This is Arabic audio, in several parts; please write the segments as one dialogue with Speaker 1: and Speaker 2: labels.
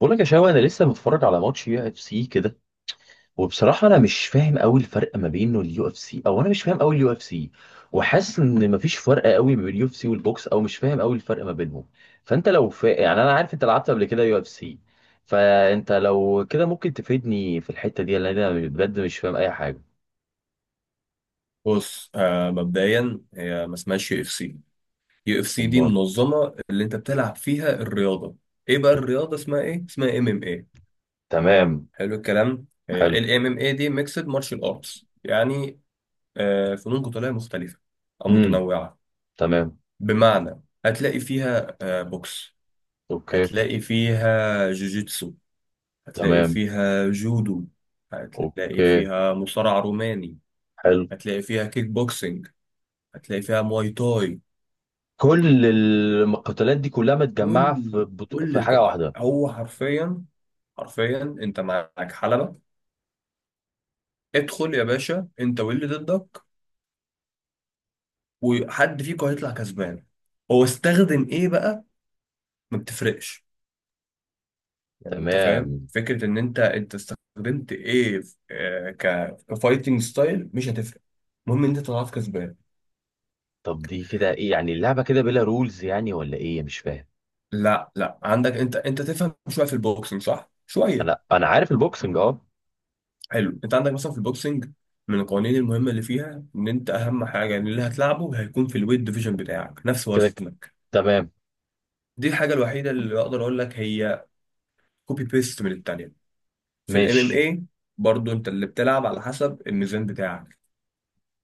Speaker 1: بقول لك يا شباب، انا لسه متفرج على ماتش يو اف سي كده. وبصراحه انا مش فاهم قوي الفرق ما بينه اليو اف سي، او انا مش فاهم قوي اليو اف سي. وحاسس ان مفيش فرق قوي ما بين اليو اف سي والبوكس، او مش فاهم قوي الفرق ما بينهم. فانت لو يعني انا عارف انت لعبت قبل كده يو اف سي. فانت لو كده ممكن تفيدني في الحته دي، لان انا بجد مش فاهم اي حاجه.
Speaker 2: بص، مبدئيا هي ما اسمهاش يو اف سي. يو اف سي دي
Speaker 1: امال؟
Speaker 2: منظمه اللي انت بتلعب فيها الرياضه. ايه بقى الرياضه، اسمها ايه؟ اسمها ام ام اي.
Speaker 1: تمام.
Speaker 2: حلو الكلام،
Speaker 1: حلو.
Speaker 2: الام ام اي دي ميكسد مارشال ارتس، يعني فنون قتاليه مختلفه او
Speaker 1: امم.
Speaker 2: متنوعه.
Speaker 1: تمام.
Speaker 2: بمعنى هتلاقي فيها بوكس،
Speaker 1: اوكي.
Speaker 2: هتلاقي فيها جوجيتسو، هتلاقي
Speaker 1: تمام.
Speaker 2: فيها جودو، هتلاقي
Speaker 1: اوكي.
Speaker 2: فيها مصارع روماني،
Speaker 1: حلو.
Speaker 2: هتلاقي فيها كيك بوكسينج، هتلاقي فيها مواي تاي.
Speaker 1: كل المقاتلات دي كلها متجمعه
Speaker 2: كل
Speaker 1: في في حاجه واحده؟
Speaker 2: هو حرفيا، حرفيا انت معاك حلبة، ادخل يا باشا انت واللي ضدك، وحد فيكم هيطلع كسبان. هو استخدم ايه بقى؟ ما بتفرقش، يعني انت فاهم
Speaker 1: تمام.
Speaker 2: فكرة ان انت استخدمت ايه في- آه، ك كفايتنج ستايل، مش هتفرق. المهم ان انت طلعت كسبان.
Speaker 1: طب دي كده ايه يعني؟ اللعبه كده بلا رولز يعني ولا ايه؟ مش فاهم.
Speaker 2: لا، لا، عندك انت تفهم شوية في البوكسنج، صح؟
Speaker 1: انا
Speaker 2: شوية.
Speaker 1: انا عارف البوكسنج، اه.
Speaker 2: حلو، انت عندك مثلا في البوكسنج من القوانين المهمه اللي فيها، ان انت اهم حاجه، ان اللي هتلعبه هيكون في الويت ديفيجن بتاعك نفس
Speaker 1: كده
Speaker 2: وزنك.
Speaker 1: تمام.
Speaker 2: دي الحاجه الوحيده اللي اقدر اقول لك هي كوبي بيست من التانيه. في الام ام
Speaker 1: ماشي.
Speaker 2: اي برضو انت اللي بتلعب على حسب الميزان بتاعك.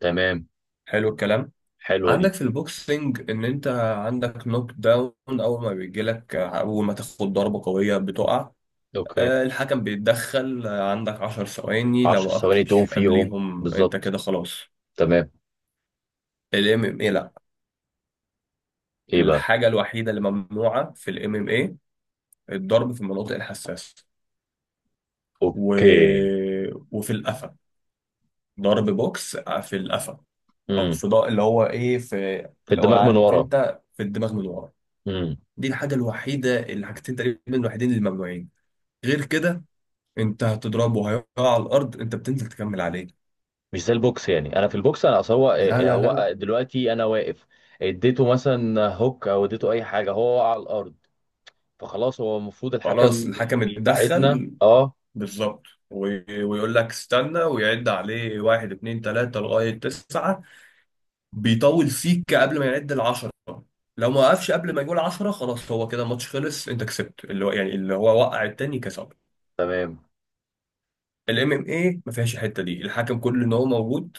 Speaker 1: تمام.
Speaker 2: حلو الكلام.
Speaker 1: حلوه دي.
Speaker 2: عندك في البوكسنج ان انت عندك نوك داون، اول ما بيجيلك، اول ما تاخد ضربه قويه بتقع،
Speaker 1: اوكي.
Speaker 2: الحكم بيتدخل، عندك 10 ثواني،
Speaker 1: 10
Speaker 2: لو
Speaker 1: ثواني تقوم
Speaker 2: وقفتش
Speaker 1: فيهم؟
Speaker 2: قبليهم انت
Speaker 1: بالظبط.
Speaker 2: كده خلاص.
Speaker 1: تمام.
Speaker 2: الام ام اي لا.
Speaker 1: ايه بقى؟
Speaker 2: الحاجة الوحيدة اللي ممنوعة في الام ام اي، الضرب في المناطق الحساسة و...
Speaker 1: اوكي.
Speaker 2: وفي القفا، ضرب بوكس في القفا، او
Speaker 1: امم
Speaker 2: اللي هو ايه، في،
Speaker 1: في
Speaker 2: لو
Speaker 1: الدماغ من
Speaker 2: عارف،
Speaker 1: ورا.
Speaker 2: انت في الدماغ من ورا.
Speaker 1: امم
Speaker 2: دي الحاجة الوحيدة، الحاجتين تقريبا الوحيدين اللي ممنوعين. غير كده، انت هتضربه هيقع على الارض، انت بتنزل تكمل عليه.
Speaker 1: مش زي البوكس يعني، انا في البوكس انا اصل هو
Speaker 2: لا، لا، لا،
Speaker 1: هو
Speaker 2: لا.
Speaker 1: دلوقتي انا واقف. اديته مثلا هوك او اديته اي حاجه، هو وقع على الارض. فخلاص هو المفروض
Speaker 2: خلاص
Speaker 1: الحكم
Speaker 2: الحكم
Speaker 1: بيبعدنا،
Speaker 2: اتدخل
Speaker 1: اه.
Speaker 2: بالظبط، ويقول لك استنى، ويعد عليه واحد، اتنين، تلاتة، لغاية تسعة، بيطول فيك قبل ما يعد العشرة. لو ما وقفش قبل ما يقول عشرة خلاص، هو كده الماتش خلص، انت كسبت، اللي هو يعني اللي هو وقع التاني كسب.
Speaker 1: تمام.
Speaker 2: الام ام اي ما فيهاش الحته دي، الحكم كل ان هو موجود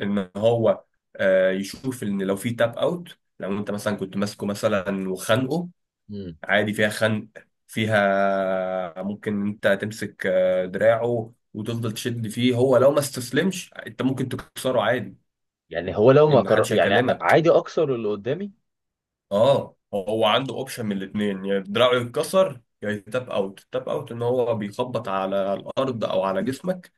Speaker 2: ان هو يشوف ان لو في تاب اوت. لو انت مثلا كنت ماسكه مثلا وخانقه،
Speaker 1: إمم.
Speaker 2: عادي فيها خنق، فيها ممكن انت تمسك دراعه وتفضل تشد فيه، هو لو ما استسلمش انت ممكن تكسره عادي،
Speaker 1: يعني هو لو ما
Speaker 2: ان محدش
Speaker 1: يعني
Speaker 2: هيكلمك.
Speaker 1: عادي اكسر اللي قدامي.
Speaker 2: اه، هو عنده اوبشن من الاثنين، يا دراعه يتكسر يا يتاب اوت. تاب اوت ان هو بيخبط على الارض او على جسمك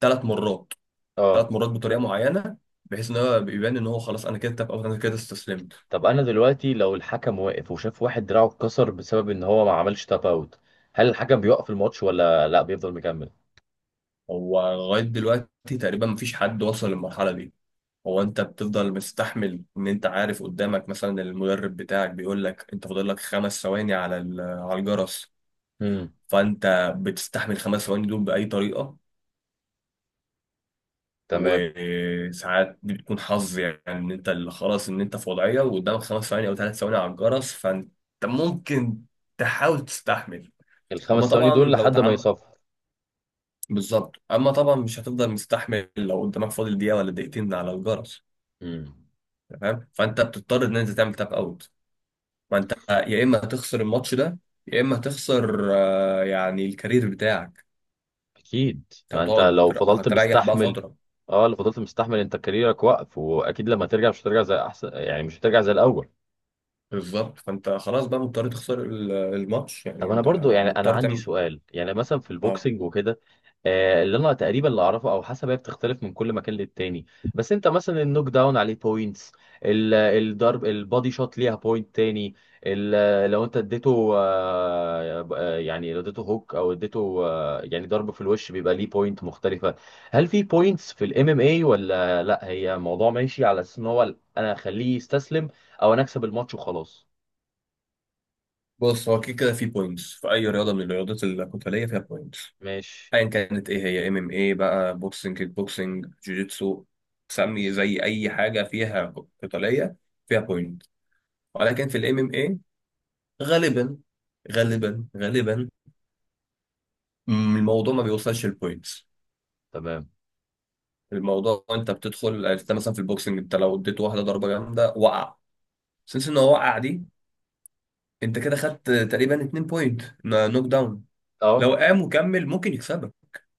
Speaker 2: 3 مرات،
Speaker 1: اه.
Speaker 2: 3 مرات بطريقه معينه، بحيث ان هو بيبان ان هو خلاص، انا كده تاب اوت، انا كده استسلمت.
Speaker 1: طب انا دلوقتي لو الحكم واقف وشاف واحد دراعه اتكسر بسبب ان هو ما عملش تاب اوت، هل الحكم بيوقف الماتش ولا لا بيفضل مكمل؟
Speaker 2: هو لغايه دلوقتي تقريبا مفيش حد وصل للمرحله دي. هو انت بتفضل مستحمل، ان انت عارف قدامك مثلا المدرب بتاعك بيقول لك انت فاضل لك 5 ثواني على الجرس،
Speaker 1: امم.
Speaker 2: فانت بتستحمل 5 ثواني دول باي طريقه.
Speaker 1: تمام.
Speaker 2: وساعات دي بتكون حظ، يعني ان انت اللي خلاص ان انت في وضعيه وقدامك 5 ثواني او 3 ثواني على الجرس، فانت ممكن تحاول تستحمل. اما
Speaker 1: الخمس ثواني
Speaker 2: طبعا
Speaker 1: دول
Speaker 2: لو
Speaker 1: لحد ما
Speaker 2: تعم
Speaker 1: يصفر.
Speaker 2: بالظبط، اما طبعا مش هتفضل مستحمل لو قدامك فاضل دقيقه ولا دقيقتين على الجرس،
Speaker 1: امم.
Speaker 2: تمام. فانت بتضطر ان انت تعمل تاب اوت، فانت يا اما هتخسر الماتش ده، يا اما هتخسر يعني الكارير بتاعك،
Speaker 1: اكيد،
Speaker 2: انت
Speaker 1: ما انت
Speaker 2: هتقعد
Speaker 1: لو فضلت
Speaker 2: هتريح بقى
Speaker 1: مستحمل.
Speaker 2: فتره.
Speaker 1: اه، لو فضلت مستحمل انت كاريرك واقف، واكيد لما ترجع مش هترجع زي احسن، يعني مش هترجع زي الاول.
Speaker 2: بالظبط، فانت خلاص بقى مضطر تخسر الماتش
Speaker 1: طب
Speaker 2: يعني،
Speaker 1: انا
Speaker 2: انت
Speaker 1: برضو يعني انا
Speaker 2: مضطر
Speaker 1: عندي
Speaker 2: تعمل.
Speaker 1: سؤال، يعني مثلا في
Speaker 2: اه،
Speaker 1: البوكسنج وكده، اللي انا تقريبا اللي اعرفه او حسب، هي بتختلف من كل مكان للتاني. بس انت مثلا النوك داون عليه بوينتس. الضرب البادي شوت ليها بوينت تاني. لو انت اديته يعني لو اديته هوك او اديته يعني ضرب في الوش، بيبقى ليه بوينت مختلفة. هل في بوينتس في الام ام اي ولا لا، هي موضوع ماشي على اساس ان هو انا اخليه يستسلم، او انا اكسب الماتش وخلاص؟
Speaker 2: بص، هو كده كده في بوينتس، في اي رياضه من الرياضات القتاليه فيها بوينتس،
Speaker 1: ماشي.
Speaker 2: ايا كانت ايه هي، ام ام اي بقى، بوكسنج، كيك بوكسنج، جوجيتسو، سمي زي اي حاجه فيها قتاليه، فيها بوينت. ولكن في الام ام اي غالبا، غالبا غالبا، الموضوع ما بيوصلش البوينتس.
Speaker 1: تمام.
Speaker 2: الموضوع انت بتدخل، انت مثلا في البوكسنج انت لو اديت واحده ضربه جامده وقع، سنس ان هو وقع دي، انت كده خدت تقريبا 2 بوينت نوك داون.
Speaker 1: اه.
Speaker 2: لو قام وكمل ممكن يكسبك،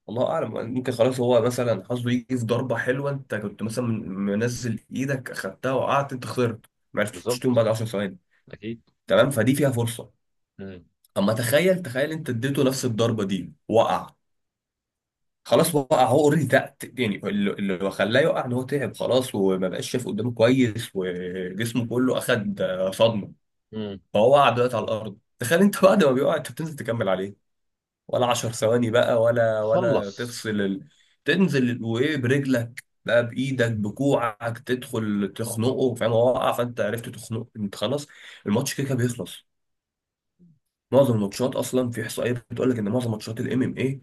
Speaker 2: الله اعلم، ممكن خلاص هو مثلا حظه يجي في ضربه حلوه، انت كنت مثلا منزل ايدك اخدتها وقعت، انت خسرت، ما عرفتش تقوم
Speaker 1: بالظبط.
Speaker 2: بعد 10 ثواني.
Speaker 1: اكيد.
Speaker 2: تمام، فدي فيها فرصه.
Speaker 1: مم.
Speaker 2: اما تخيل، تخيل انت اديته نفس الضربه دي وقع، خلاص وقع، هو اوريدي تقت، يعني اللي خلاه يقع ان هو تعب خلاص، وما بقاش شايف قدامه كويس، وجسمه كله اخد صدمه.
Speaker 1: مم.
Speaker 2: فهو وقع دلوقتي على الارض، تخيل انت بعد ما بيقع انت بتنزل تكمل عليه، ولا 10 ثواني بقى ولا
Speaker 1: خلص.
Speaker 2: تفصل تنزل وايه برجلك بقى، بايدك، بكوعك، تدخل تخنقه، فاهم؟ هو وقع فانت عرفت تخنقه، انت خلاص الماتش كده كده بيخلص. معظم الماتشات اصلا في احصائيه بتقول لك ان معظم ماتشات الام ام اي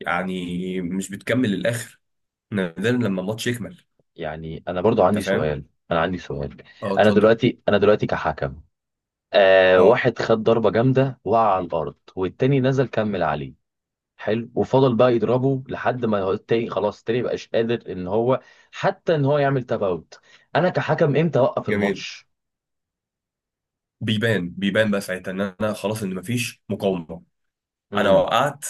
Speaker 2: يعني مش بتكمل للاخر، نادرا لما الماتش يكمل،
Speaker 1: يعني انا برضو عندي
Speaker 2: انت فاهم.
Speaker 1: سؤال. انا عندي سؤال.
Speaker 2: اه، اتفضل.
Speaker 1: انا دلوقتي كحكم،
Speaker 2: اه،
Speaker 1: واحد خد ضربة جامدة وقع على الارض، والتاني نزل كمل عليه. حلو. وفضل بقى يضربه لحد ما هو التاني، خلاص التاني مبقاش قادر ان هو حتى ان هو يعمل تفاوت. انا كحكم امتى اوقف
Speaker 2: جميل.
Speaker 1: الماتش؟
Speaker 2: بيبان بقى ساعتها ان انا خلاص، ان مفيش مقاومه، انا
Speaker 1: امم.
Speaker 2: وقعت،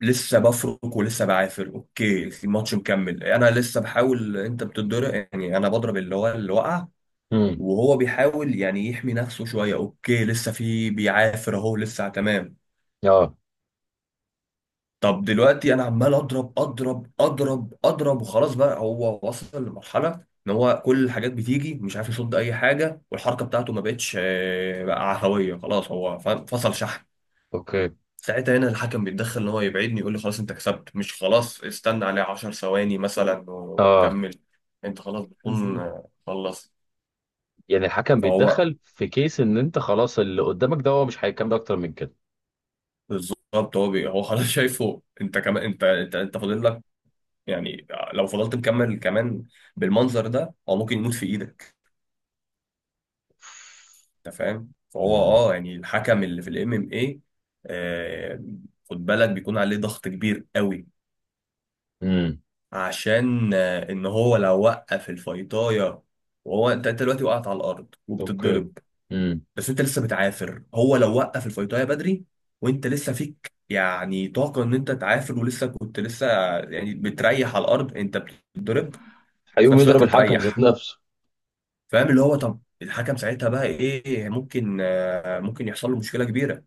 Speaker 2: لسه بفرك ولسه بعافر، اوكي الماتش مكمل، انا لسه بحاول، انت بتتضرب يعني، انا بضرب اللي هو اللي وقع،
Speaker 1: امم.
Speaker 2: وهو بيحاول يعني يحمي نفسه شويه، اوكي لسه في، بيعافر اهو، لسه تمام.
Speaker 1: اه.
Speaker 2: طب دلوقتي انا عمال اضرب اضرب اضرب اضرب، وخلاص بقى هو وصل لمرحله ان هو كل الحاجات بتيجي مش عارف يصد اي حاجه، والحركه بتاعته ما بقتش بقى عفويه، خلاص هو فصل شحن.
Speaker 1: اوكي.
Speaker 2: ساعتها هنا الحكم بيتدخل ان هو يبعدني، يقول لي خلاص انت كسبت، مش خلاص استنى عليه 10 ثواني مثلا
Speaker 1: اه،
Speaker 2: وكمل، انت خلاص بتكون مهم. خلصت.
Speaker 1: يعني الحكم
Speaker 2: فهو
Speaker 1: بيتدخل في كيس ان انت خلاص اللي قدامك ده هو مش هيكمل اكتر من كده.
Speaker 2: بالظبط، هو خلاص شايفه، انت كمان انت انت فاضل لك يعني، لو فضلت مكمل كمان بالمنظر ده هو ممكن يموت في ايدك، انت فاهم؟ فهو
Speaker 1: مم.
Speaker 2: اه، يعني الحكم اللي في الام ام اي، خد بالك بيكون عليه ضغط كبير قوي،
Speaker 1: امم.
Speaker 2: عشان ان هو لو وقف الفيطايه وهو، انت دلوقتي وقعت على الارض
Speaker 1: اوكي.
Speaker 2: وبتتضرب،
Speaker 1: امم
Speaker 2: بس انت لسه بتعافر، هو لو وقف الفيطايه بدري وانت لسه فيك يعني طاقه ان انت تعافر، ولسه كنت لسه، يعني بتريح على الارض، انت بتتضرب في
Speaker 1: هيقوم
Speaker 2: نفس
Speaker 1: يضرب
Speaker 2: الوقت
Speaker 1: الحكم ذات
Speaker 2: بتريح.
Speaker 1: نفسه.
Speaker 2: فاهم، اللي هو طب الحكم ساعتها بقى ايه؟ ممكن، ممكن يحصل له مشكله كبيره،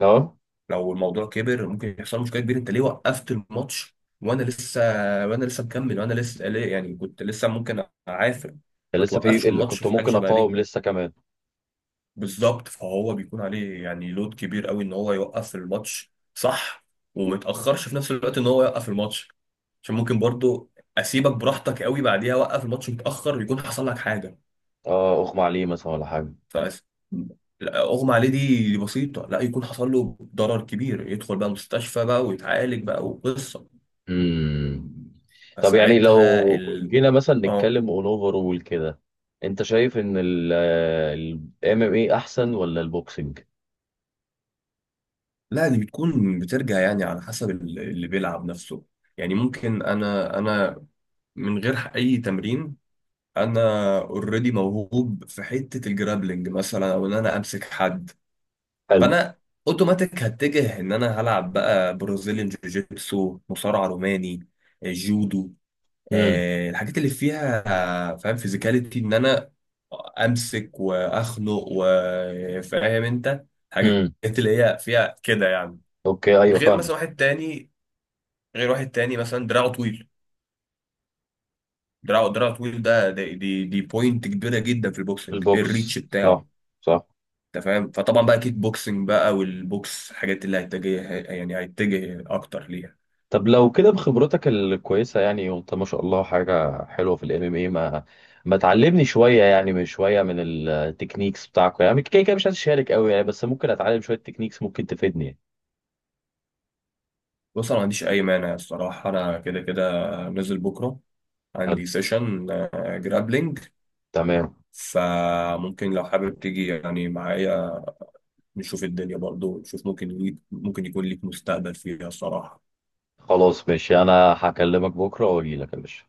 Speaker 1: اه.
Speaker 2: لو الموضوع كبر ممكن يحصل مشكله كبيره. انت ليه وقفت الماتش وانا لسه، وانا لسه مكمل، وانا لسه ليه، يعني كنت لسه ممكن اعافر،
Speaker 1: كان
Speaker 2: ما
Speaker 1: لسه
Speaker 2: توقفش
Speaker 1: في اللي
Speaker 2: الماتش
Speaker 1: كنت
Speaker 2: في حاجه
Speaker 1: ممكن
Speaker 2: شبه دي.
Speaker 1: اقاوم لسه كمان.
Speaker 2: بالظبط، فهو بيكون عليه يعني لود كبير قوي ان هو يوقف الماتش صح، وما يتاخرش في نفس الوقت ان هو يوقف الماتش، عشان ممكن برضو اسيبك براحتك قوي بعديها، اوقف الماتش متاخر يكون حصل لك حاجه.
Speaker 1: اه، اغمى عليه مثلا ولا حاجه؟
Speaker 2: ف لا، اغمى عليه دي، دي بسيطه، لا، يكون حصل له ضرر كبير يدخل بقى مستشفى بقى ويتعالج بقى وقصه.
Speaker 1: امم طب يعني
Speaker 2: فساعتها
Speaker 1: لو جينا مثلا
Speaker 2: اه،
Speaker 1: نتكلم اون اوفر رول كده، انت شايف ان ال ام ام اي احسن ولا البوكسنج؟
Speaker 2: لا، دي بتكون بترجع يعني على حسب اللي بيلعب نفسه. يعني ممكن انا من غير اي تمرين، انا اوريدي موهوب في حتة الجرابلنج مثلا، او ان انا امسك حد،
Speaker 1: حلو.
Speaker 2: فانا اوتوماتيك هتجه ان انا هلعب بقى برازيليان جوجيتسو، مصارع روماني، جودو،
Speaker 1: امم.
Speaker 2: الحاجات اللي فيها فاهم فيزيكاليتي، ان انا امسك واخنق، وفاهم انت الحاجات
Speaker 1: امم.
Speaker 2: اللي هي فيها كده يعني.
Speaker 1: اوكي. ايوه،
Speaker 2: غير
Speaker 1: فاهمه.
Speaker 2: مثلا واحد تاني، غير واحد تاني مثلا دراعه طويل، دراعه طويل ده، دي بوينت كبيره جدا في البوكسنج، الريتش
Speaker 1: البوكس، صح.
Speaker 2: بتاعه.
Speaker 1: صح.
Speaker 2: انت فاهم؟ فطبعا بقى كيك بوكسنج بقى والبوكس الحاجات اللي هيتجه، يعني هيتجه اكتر ليها.
Speaker 1: طب لو كده بخبرتك الكويسة يعني، وانت ما شاء الله حاجة حلوة في الام ام اي، ما تعلمني شوية يعني، من شوية من التكنيكس بتاعكم يعني. كده كده مش هتشارك قوي يعني، بس ممكن اتعلم شوية تكنيكس ممكن تفيدني يعني.
Speaker 2: بص، انا ما عنديش اي مانع الصراحه، انا كده كده نازل بكره،
Speaker 1: حلو.
Speaker 2: عندي سيشن جرابلينج،
Speaker 1: تمام.
Speaker 2: فممكن لو حابب تيجي يعني معايا، نشوف الدنيا، برضو نشوف، ممكن ليك، ممكن يكون ليك مستقبل فيها الصراحة.
Speaker 1: خلاص، ماشي، انا هكلمك بكرة واجي لك يا باشا.